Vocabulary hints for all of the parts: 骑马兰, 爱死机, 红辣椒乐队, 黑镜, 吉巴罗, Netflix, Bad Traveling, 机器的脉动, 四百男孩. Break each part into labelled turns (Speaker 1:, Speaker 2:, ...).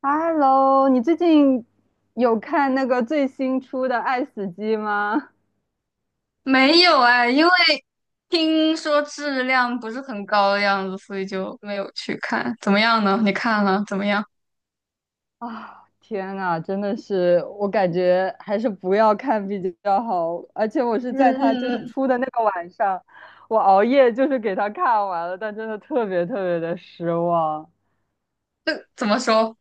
Speaker 1: Hello，你最近有看那个最新出的《爱死机》吗？
Speaker 2: 没有哎，因为听说质量不是很高的样子，所以就没有去看。怎么样呢？你看了怎么样？
Speaker 1: 啊，天呐，真的是，我感觉还是不要看比较好。而且我是
Speaker 2: 嗯
Speaker 1: 在他就
Speaker 2: 嗯
Speaker 1: 是
Speaker 2: 嗯，
Speaker 1: 出的那个晚上，我熬夜就是给他看完了，但真的特别特别的失望。
Speaker 2: 怎么说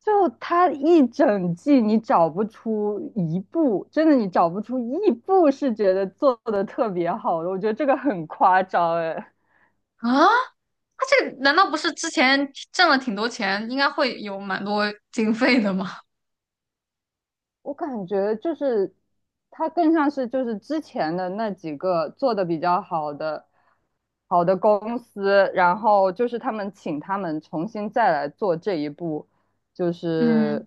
Speaker 1: 就他一整季，你找不出一部，真的你找不出一部是觉得做的特别好的，我觉得这个很夸张哎。
Speaker 2: 啊？他这个难道不是之前挣了挺多钱，应该会有蛮多经费的吗？
Speaker 1: 我感觉就是它更像是就是之前的那几个做的比较好的好的公司，然后就是他们请他们重新再来做这一步，就
Speaker 2: 嗯
Speaker 1: 是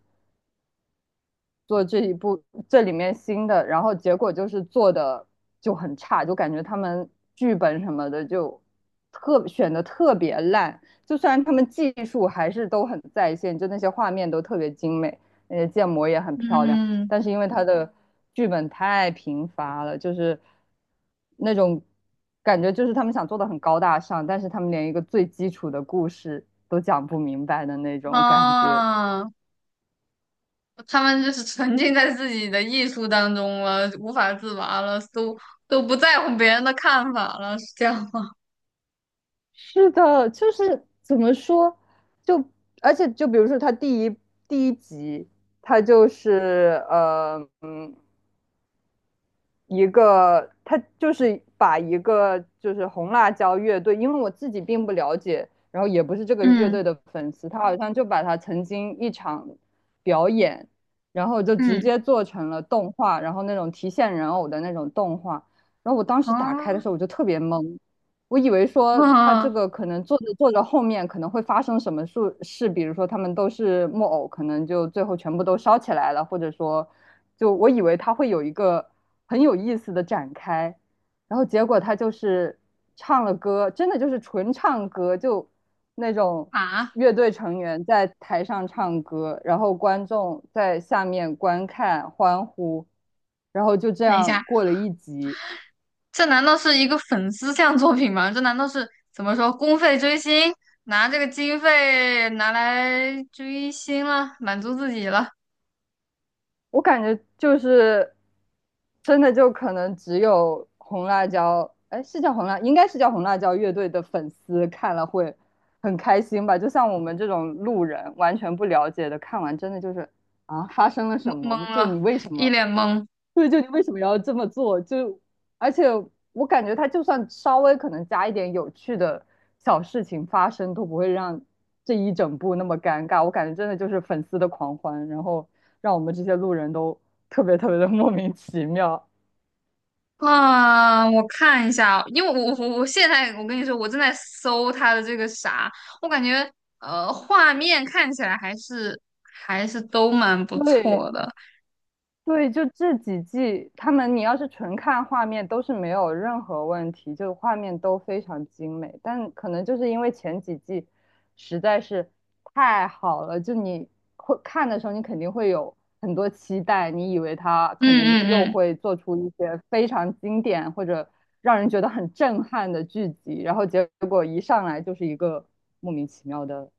Speaker 1: 做这一部这里面新的，然后结果就是做的就很差，就感觉他们剧本什么的就特选的特别烂。就虽然他们技术还是都很在线，就那些画面都特别精美，那些建模也很漂亮，
Speaker 2: 嗯
Speaker 1: 但是因为他的剧本太贫乏了，就是那种感觉，就是他们想做的很高大上，但是他们连一个最基础的故事都讲不明白的那种感觉。
Speaker 2: 啊，他们就是沉浸在自己的艺术当中了，无法自拔了，都不在乎别人的看法了，是这样吗？
Speaker 1: 是的，就是怎么说，就而且就比如说他第一集，他就是一个他就是把一个就是红辣椒乐队，因为我自己并不了解，然后也不是这个乐
Speaker 2: 嗯
Speaker 1: 队的粉丝，他好像就把他曾经一场表演，然后就直
Speaker 2: 嗯
Speaker 1: 接做成了动画，然后那种提线人偶的那种动画，然后我当时打开的
Speaker 2: 啊
Speaker 1: 时候我就特别懵，我以为说他这
Speaker 2: 啊
Speaker 1: 个可能做着做着后面可能会发生什么事，比如说他们都是木偶，可能就最后全部都烧起来了，或者说，就我以为他会有一个很有意思的展开，然后结果他就是唱了歌，真的就是纯唱歌，就那种
Speaker 2: 啊！
Speaker 1: 乐队成员在台上唱歌，然后观众在下面观看欢呼，然后就这
Speaker 2: 等一
Speaker 1: 样
Speaker 2: 下，
Speaker 1: 过了一集。
Speaker 2: 这难道是一个粉丝向作品吗？这难道是怎么说公费追星，拿这个经费拿来追星了，满足自己了？
Speaker 1: 我感觉就是真的就可能只有红辣椒，哎，是叫红辣，应该是叫红辣椒乐队的粉丝看了会很开心吧。就像我们这种路人完全不了解的，看完真的就是啊，发生了
Speaker 2: 懵
Speaker 1: 什么？
Speaker 2: 懵
Speaker 1: 就你
Speaker 2: 了，
Speaker 1: 为什
Speaker 2: 一
Speaker 1: 么
Speaker 2: 脸懵
Speaker 1: 对，就你为什么要这么做？就而且我感觉他就算稍微可能加一点有趣的小事情发生，都不会让这一整部那么尴尬。我感觉真的就是粉丝的狂欢，然后让我们这些路人都特别特别的莫名其妙。
Speaker 2: 啊！我看一下，因为我现在我跟你说，我正在搜他的这个啥，我感觉画面看起来还是都蛮不
Speaker 1: 对，
Speaker 2: 错的。
Speaker 1: 对，就这几季，他们你要是纯看画面都是没有任何问题，就画面都非常精美。但可能就是因为前几季实在是太好了，就你会看的时候，你肯定会有很多期待，你以为他可
Speaker 2: 嗯
Speaker 1: 能又
Speaker 2: 嗯嗯。
Speaker 1: 会做出一些非常经典或者让人觉得很震撼的剧集，然后结果一上来就是一个莫名其妙的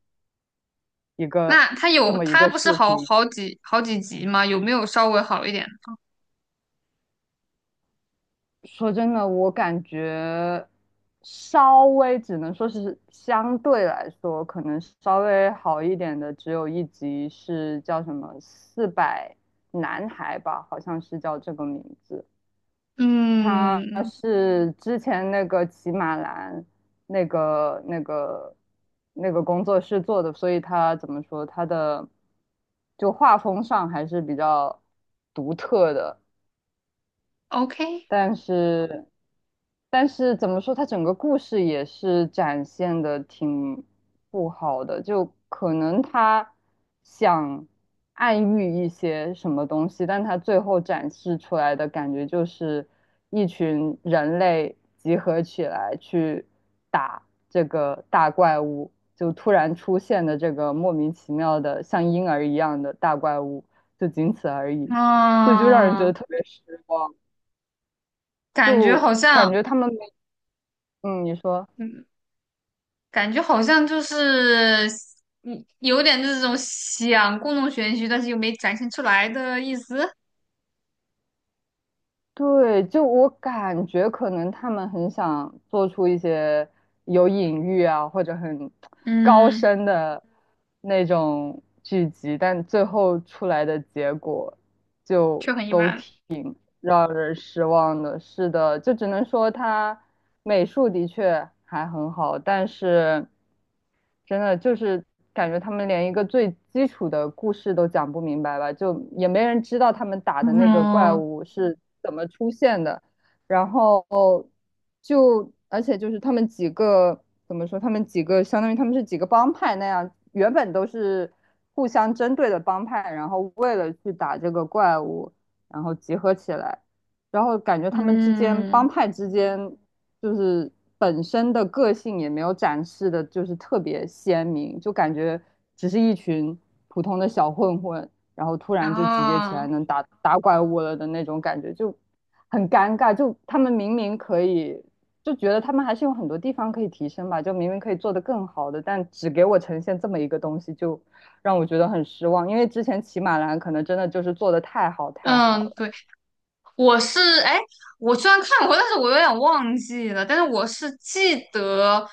Speaker 1: 一个
Speaker 2: 那他
Speaker 1: 这
Speaker 2: 有
Speaker 1: 么一
Speaker 2: 他
Speaker 1: 个
Speaker 2: 不
Speaker 1: 视
Speaker 2: 是好
Speaker 1: 频。
Speaker 2: 好几好几集吗？有没有稍微好一点？
Speaker 1: 说真的，我感觉稍微只能说是相对来说，可能稍微好一点的，只有一集是叫什么《四百男孩》吧，好像是叫这个名字。他
Speaker 2: 嗯
Speaker 1: 是之前那个骑马兰那个那个那个工作室做的，所以他怎么说他的就画风上还是比较独特的。
Speaker 2: ，OK。
Speaker 1: 但是，但是怎么说，它整个故事也是展现的挺不好的，就可能他想暗喻一些什么东西，但他最后展示出来的感觉就是一群人类集合起来去打这个大怪物，就突然出现的这个莫名其妙的像婴儿一样的大怪物，就仅此而已，所以就让人觉
Speaker 2: 啊，
Speaker 1: 得特别失望。
Speaker 2: 感觉
Speaker 1: 就
Speaker 2: 好
Speaker 1: 感
Speaker 2: 像，
Speaker 1: 觉他们没嗯，你说，
Speaker 2: 嗯，感觉好像就是，嗯，有点这种想故弄玄虚，但是又没展现出来的意思，
Speaker 1: 对，就我感觉可能他们很想做出一些有隐喻啊，或者很高
Speaker 2: 嗯，
Speaker 1: 深的那种剧集，但最后出来的结果
Speaker 2: 却
Speaker 1: 就
Speaker 2: 很一
Speaker 1: 都
Speaker 2: 般，
Speaker 1: 挺让人失望的。是的，就只能说他美术的确还很好，但是。真的就是感觉他们连一个最基础的故事都讲不明白吧，就也没人知道他们打的那个怪
Speaker 2: 嗯
Speaker 1: 物是怎么出现的，然后就而且就是他们几个怎么说，他们几个相当于他们是几个帮派那样，原本都是互相针对的帮派，然后为了去打这个怪物，然后集合起来。然后感觉他们之间帮
Speaker 2: 嗯，
Speaker 1: 派之间就是本身的个性也没有展示的，就是特别鲜明，就感觉只是一群普通的小混混，然后突
Speaker 2: 然
Speaker 1: 然就集结起
Speaker 2: 后，
Speaker 1: 来能打怪物了的那种感觉，就很尴尬。就他们明明可以，就觉得他们还是有很多地方可以提升吧，就明明可以做得更好的，但只给我呈现这么一个东西，就让我觉得很失望。因为之前骑马兰可能真的就是做的太好太好
Speaker 2: 嗯，
Speaker 1: 了。
Speaker 2: 对。我是哎，我虽然看过，但是我有点忘记了。但是我是记得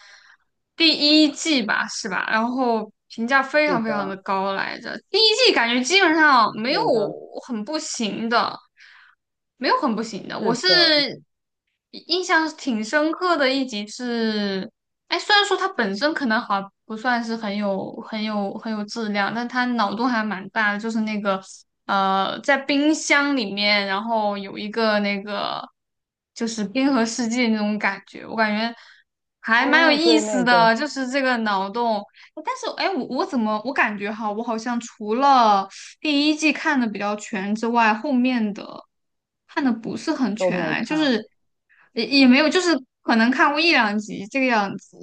Speaker 2: 第一季吧，是吧？然后评价非
Speaker 1: 是
Speaker 2: 常非常的
Speaker 1: 的，
Speaker 2: 高来着。第一季感觉基本上没有
Speaker 1: 是的，
Speaker 2: 很不行的，没有很不行的。我
Speaker 1: 是
Speaker 2: 是
Speaker 1: 的。
Speaker 2: 印象挺深刻的一集是，哎，虽然说它本身可能好像不算是很有质量，但它脑洞还蛮大的，就是那个，在冰箱里面，然后有一个那个就是冰河世纪那种感觉，我感觉还蛮有
Speaker 1: 哦，
Speaker 2: 意
Speaker 1: 对，
Speaker 2: 思
Speaker 1: 那个。
Speaker 2: 的，就是这个脑洞。哎但是哎，我怎么我感觉哈，我好像除了第一季看的比较全之外，后面的看的不是很
Speaker 1: 都
Speaker 2: 全
Speaker 1: 没
Speaker 2: 哎，就
Speaker 1: 看。
Speaker 2: 是也没有，就是可能看过一两集这个样子。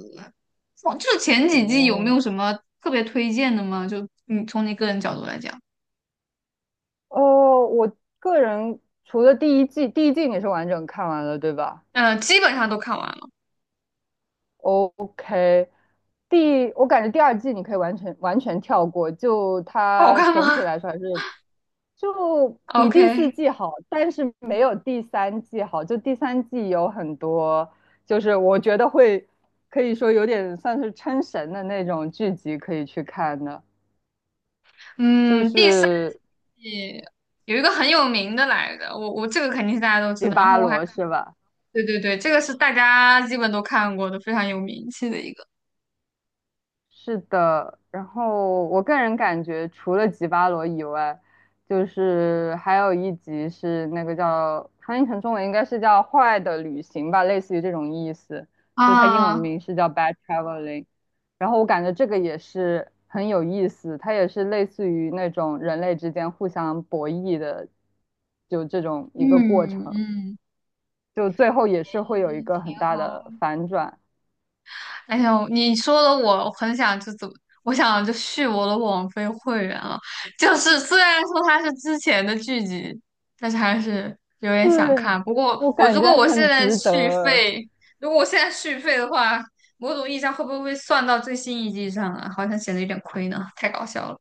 Speaker 2: 哦就是前几季有没
Speaker 1: 哦，
Speaker 2: 有什么特别推荐的吗？就你从你个人角度来讲，
Speaker 1: 哦，我个人除了第一季，第一季你是完整看完了，对吧
Speaker 2: 嗯、基本上都看完了。
Speaker 1: ？OK，第，我感觉第二季你可以完全完全跳过，就
Speaker 2: 好
Speaker 1: 它
Speaker 2: 看
Speaker 1: 总体
Speaker 2: 吗
Speaker 1: 来说还是就 比第四
Speaker 2: ？OK。
Speaker 1: 季好，但是没有第三季好。就第三季有很多，就是我觉得会可以说有点算是撑神的那种剧集可以去看的，就
Speaker 2: 嗯，第四
Speaker 1: 是
Speaker 2: 季有一个很有名的来的，我这个肯定是大家都知
Speaker 1: 《吉
Speaker 2: 道，然
Speaker 1: 巴
Speaker 2: 后我还
Speaker 1: 罗》是吧？
Speaker 2: 对对对，这个是大家基本都看过的，非常有名气的一个。
Speaker 1: 是的，然后我个人感觉，除了吉巴罗以外，就是还有一集是那个叫翻译成中文应该是叫《坏的旅行》吧，类似于这种意思，就它英文
Speaker 2: 啊，
Speaker 1: 名是叫《Bad Traveling》。然后我感觉这个也是很有意思，它也是类似于那种人类之间互相博弈的，就这种一个过
Speaker 2: 嗯
Speaker 1: 程，
Speaker 2: 嗯，
Speaker 1: 就最后也
Speaker 2: 哎
Speaker 1: 是会有一个
Speaker 2: 挺
Speaker 1: 很大
Speaker 2: 好。
Speaker 1: 的反转。
Speaker 2: 哎呦，你说的我很想就怎么，我想就续我的网飞会员了。就是虽然说它是之前的剧集，但是还是有点
Speaker 1: 对，
Speaker 2: 想看。不过
Speaker 1: 我
Speaker 2: 我
Speaker 1: 感
Speaker 2: 如果
Speaker 1: 觉
Speaker 2: 我现
Speaker 1: 很
Speaker 2: 在
Speaker 1: 值
Speaker 2: 续
Speaker 1: 得。
Speaker 2: 费，如果我现在续费的话，某种意义上会不会算到最新一季上啊？好像显得有点亏呢，太搞笑了，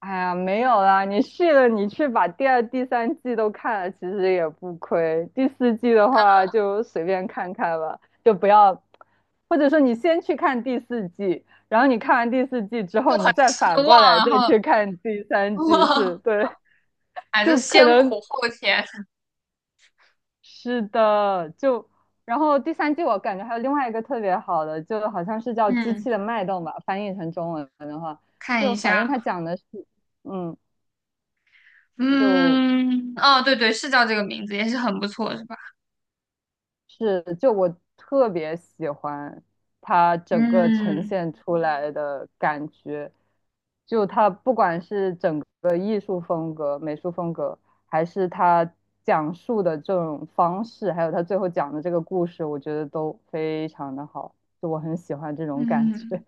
Speaker 1: 哎呀，没有啦，你续了，你去把第二、第三季都看了，其实也不亏。第四季的话就随便看看吧，就不要，或者说你先去看第四季，然后你看完第四季之
Speaker 2: 就
Speaker 1: 后，
Speaker 2: 很
Speaker 1: 你再
Speaker 2: 失
Speaker 1: 反过
Speaker 2: 望。
Speaker 1: 来
Speaker 2: 然
Speaker 1: 再
Speaker 2: 后，
Speaker 1: 去看第三季，是，对，
Speaker 2: 哎，就
Speaker 1: 就可
Speaker 2: 先
Speaker 1: 能
Speaker 2: 苦后甜，
Speaker 1: 是的，就然后第三季我感觉还有另外一个特别好的，就好像是叫《机
Speaker 2: 嗯，
Speaker 1: 器的脉动》吧，翻译成中文的话，
Speaker 2: 看
Speaker 1: 就
Speaker 2: 一
Speaker 1: 反正
Speaker 2: 下。
Speaker 1: 它讲的是，嗯。就
Speaker 2: 嗯，哦，对对，是叫这个名字，也是很不错，是吧？
Speaker 1: 是，就我特别喜欢他整个呈
Speaker 2: 嗯
Speaker 1: 现出来的感觉，就他不管是整个艺术风格、美术风格，还是他讲述的这种方式，还有他最后讲的这个故事，我觉得都非常的好，就我很喜欢这种感觉。
Speaker 2: 嗯，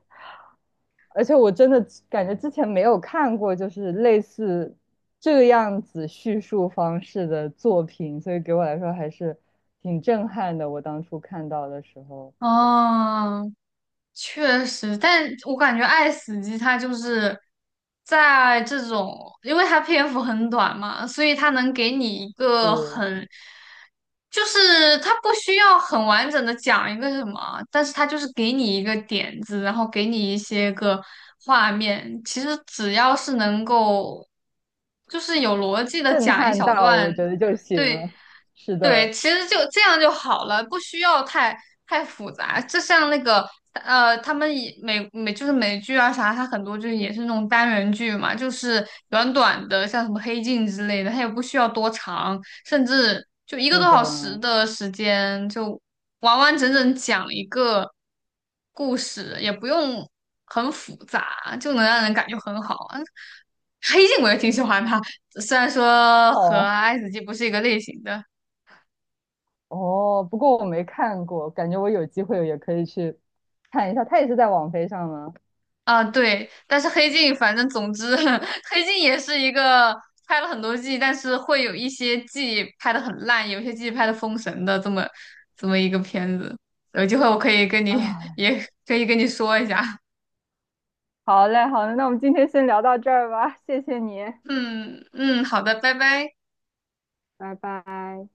Speaker 1: 而且我真的感觉之前没有看过，就是类似这个样子叙述方式的作品，所以给我来说还是挺震撼的。我当初看到的时候
Speaker 2: 哦，确实，但我感觉《爱死机》它就是在这种，因为它篇幅很短嘛，所以它能给你一个
Speaker 1: 是
Speaker 2: 很，就是它不需要很完整的讲一个什么，但是它就是给你一个点子，然后给你一些个画面。其实只要是能够，就是有逻辑的
Speaker 1: 震
Speaker 2: 讲一
Speaker 1: 撼
Speaker 2: 小
Speaker 1: 到，
Speaker 2: 段，
Speaker 1: 我觉得就行
Speaker 2: 对。
Speaker 1: 了。是
Speaker 2: 对，
Speaker 1: 的，
Speaker 2: 其实就这样就好了，不需要太复杂。就像那个，他们以美就是美剧啊啥，它很多就是也是那种单元剧嘛，就是短短的，像什么《黑镜》之类的，它也不需要多长，甚至就一个
Speaker 1: 是
Speaker 2: 多
Speaker 1: 的，
Speaker 2: 小时的时间，就完完整整讲一个故事，也不用很复杂，就能让人感觉很好啊。黑镜我也挺喜欢它，虽然说
Speaker 1: 哦
Speaker 2: 和
Speaker 1: 啊
Speaker 2: 爱死机不是一个类型的。
Speaker 1: 哦，不过我没看过，感觉我有机会也可以去看一下。它也是在网飞上吗？
Speaker 2: 啊，对，但是黑镜，反正总之，黑镜也是一个拍了很多季，但是会有一些季拍的很烂，有些季拍的封神的这么一个片子。有机会我可以跟你
Speaker 1: 唉，
Speaker 2: 也可以跟你说一下。
Speaker 1: 好嘞，那我们今天先聊到这儿吧，谢谢你，
Speaker 2: 嗯嗯，好的，拜拜。
Speaker 1: 拜拜。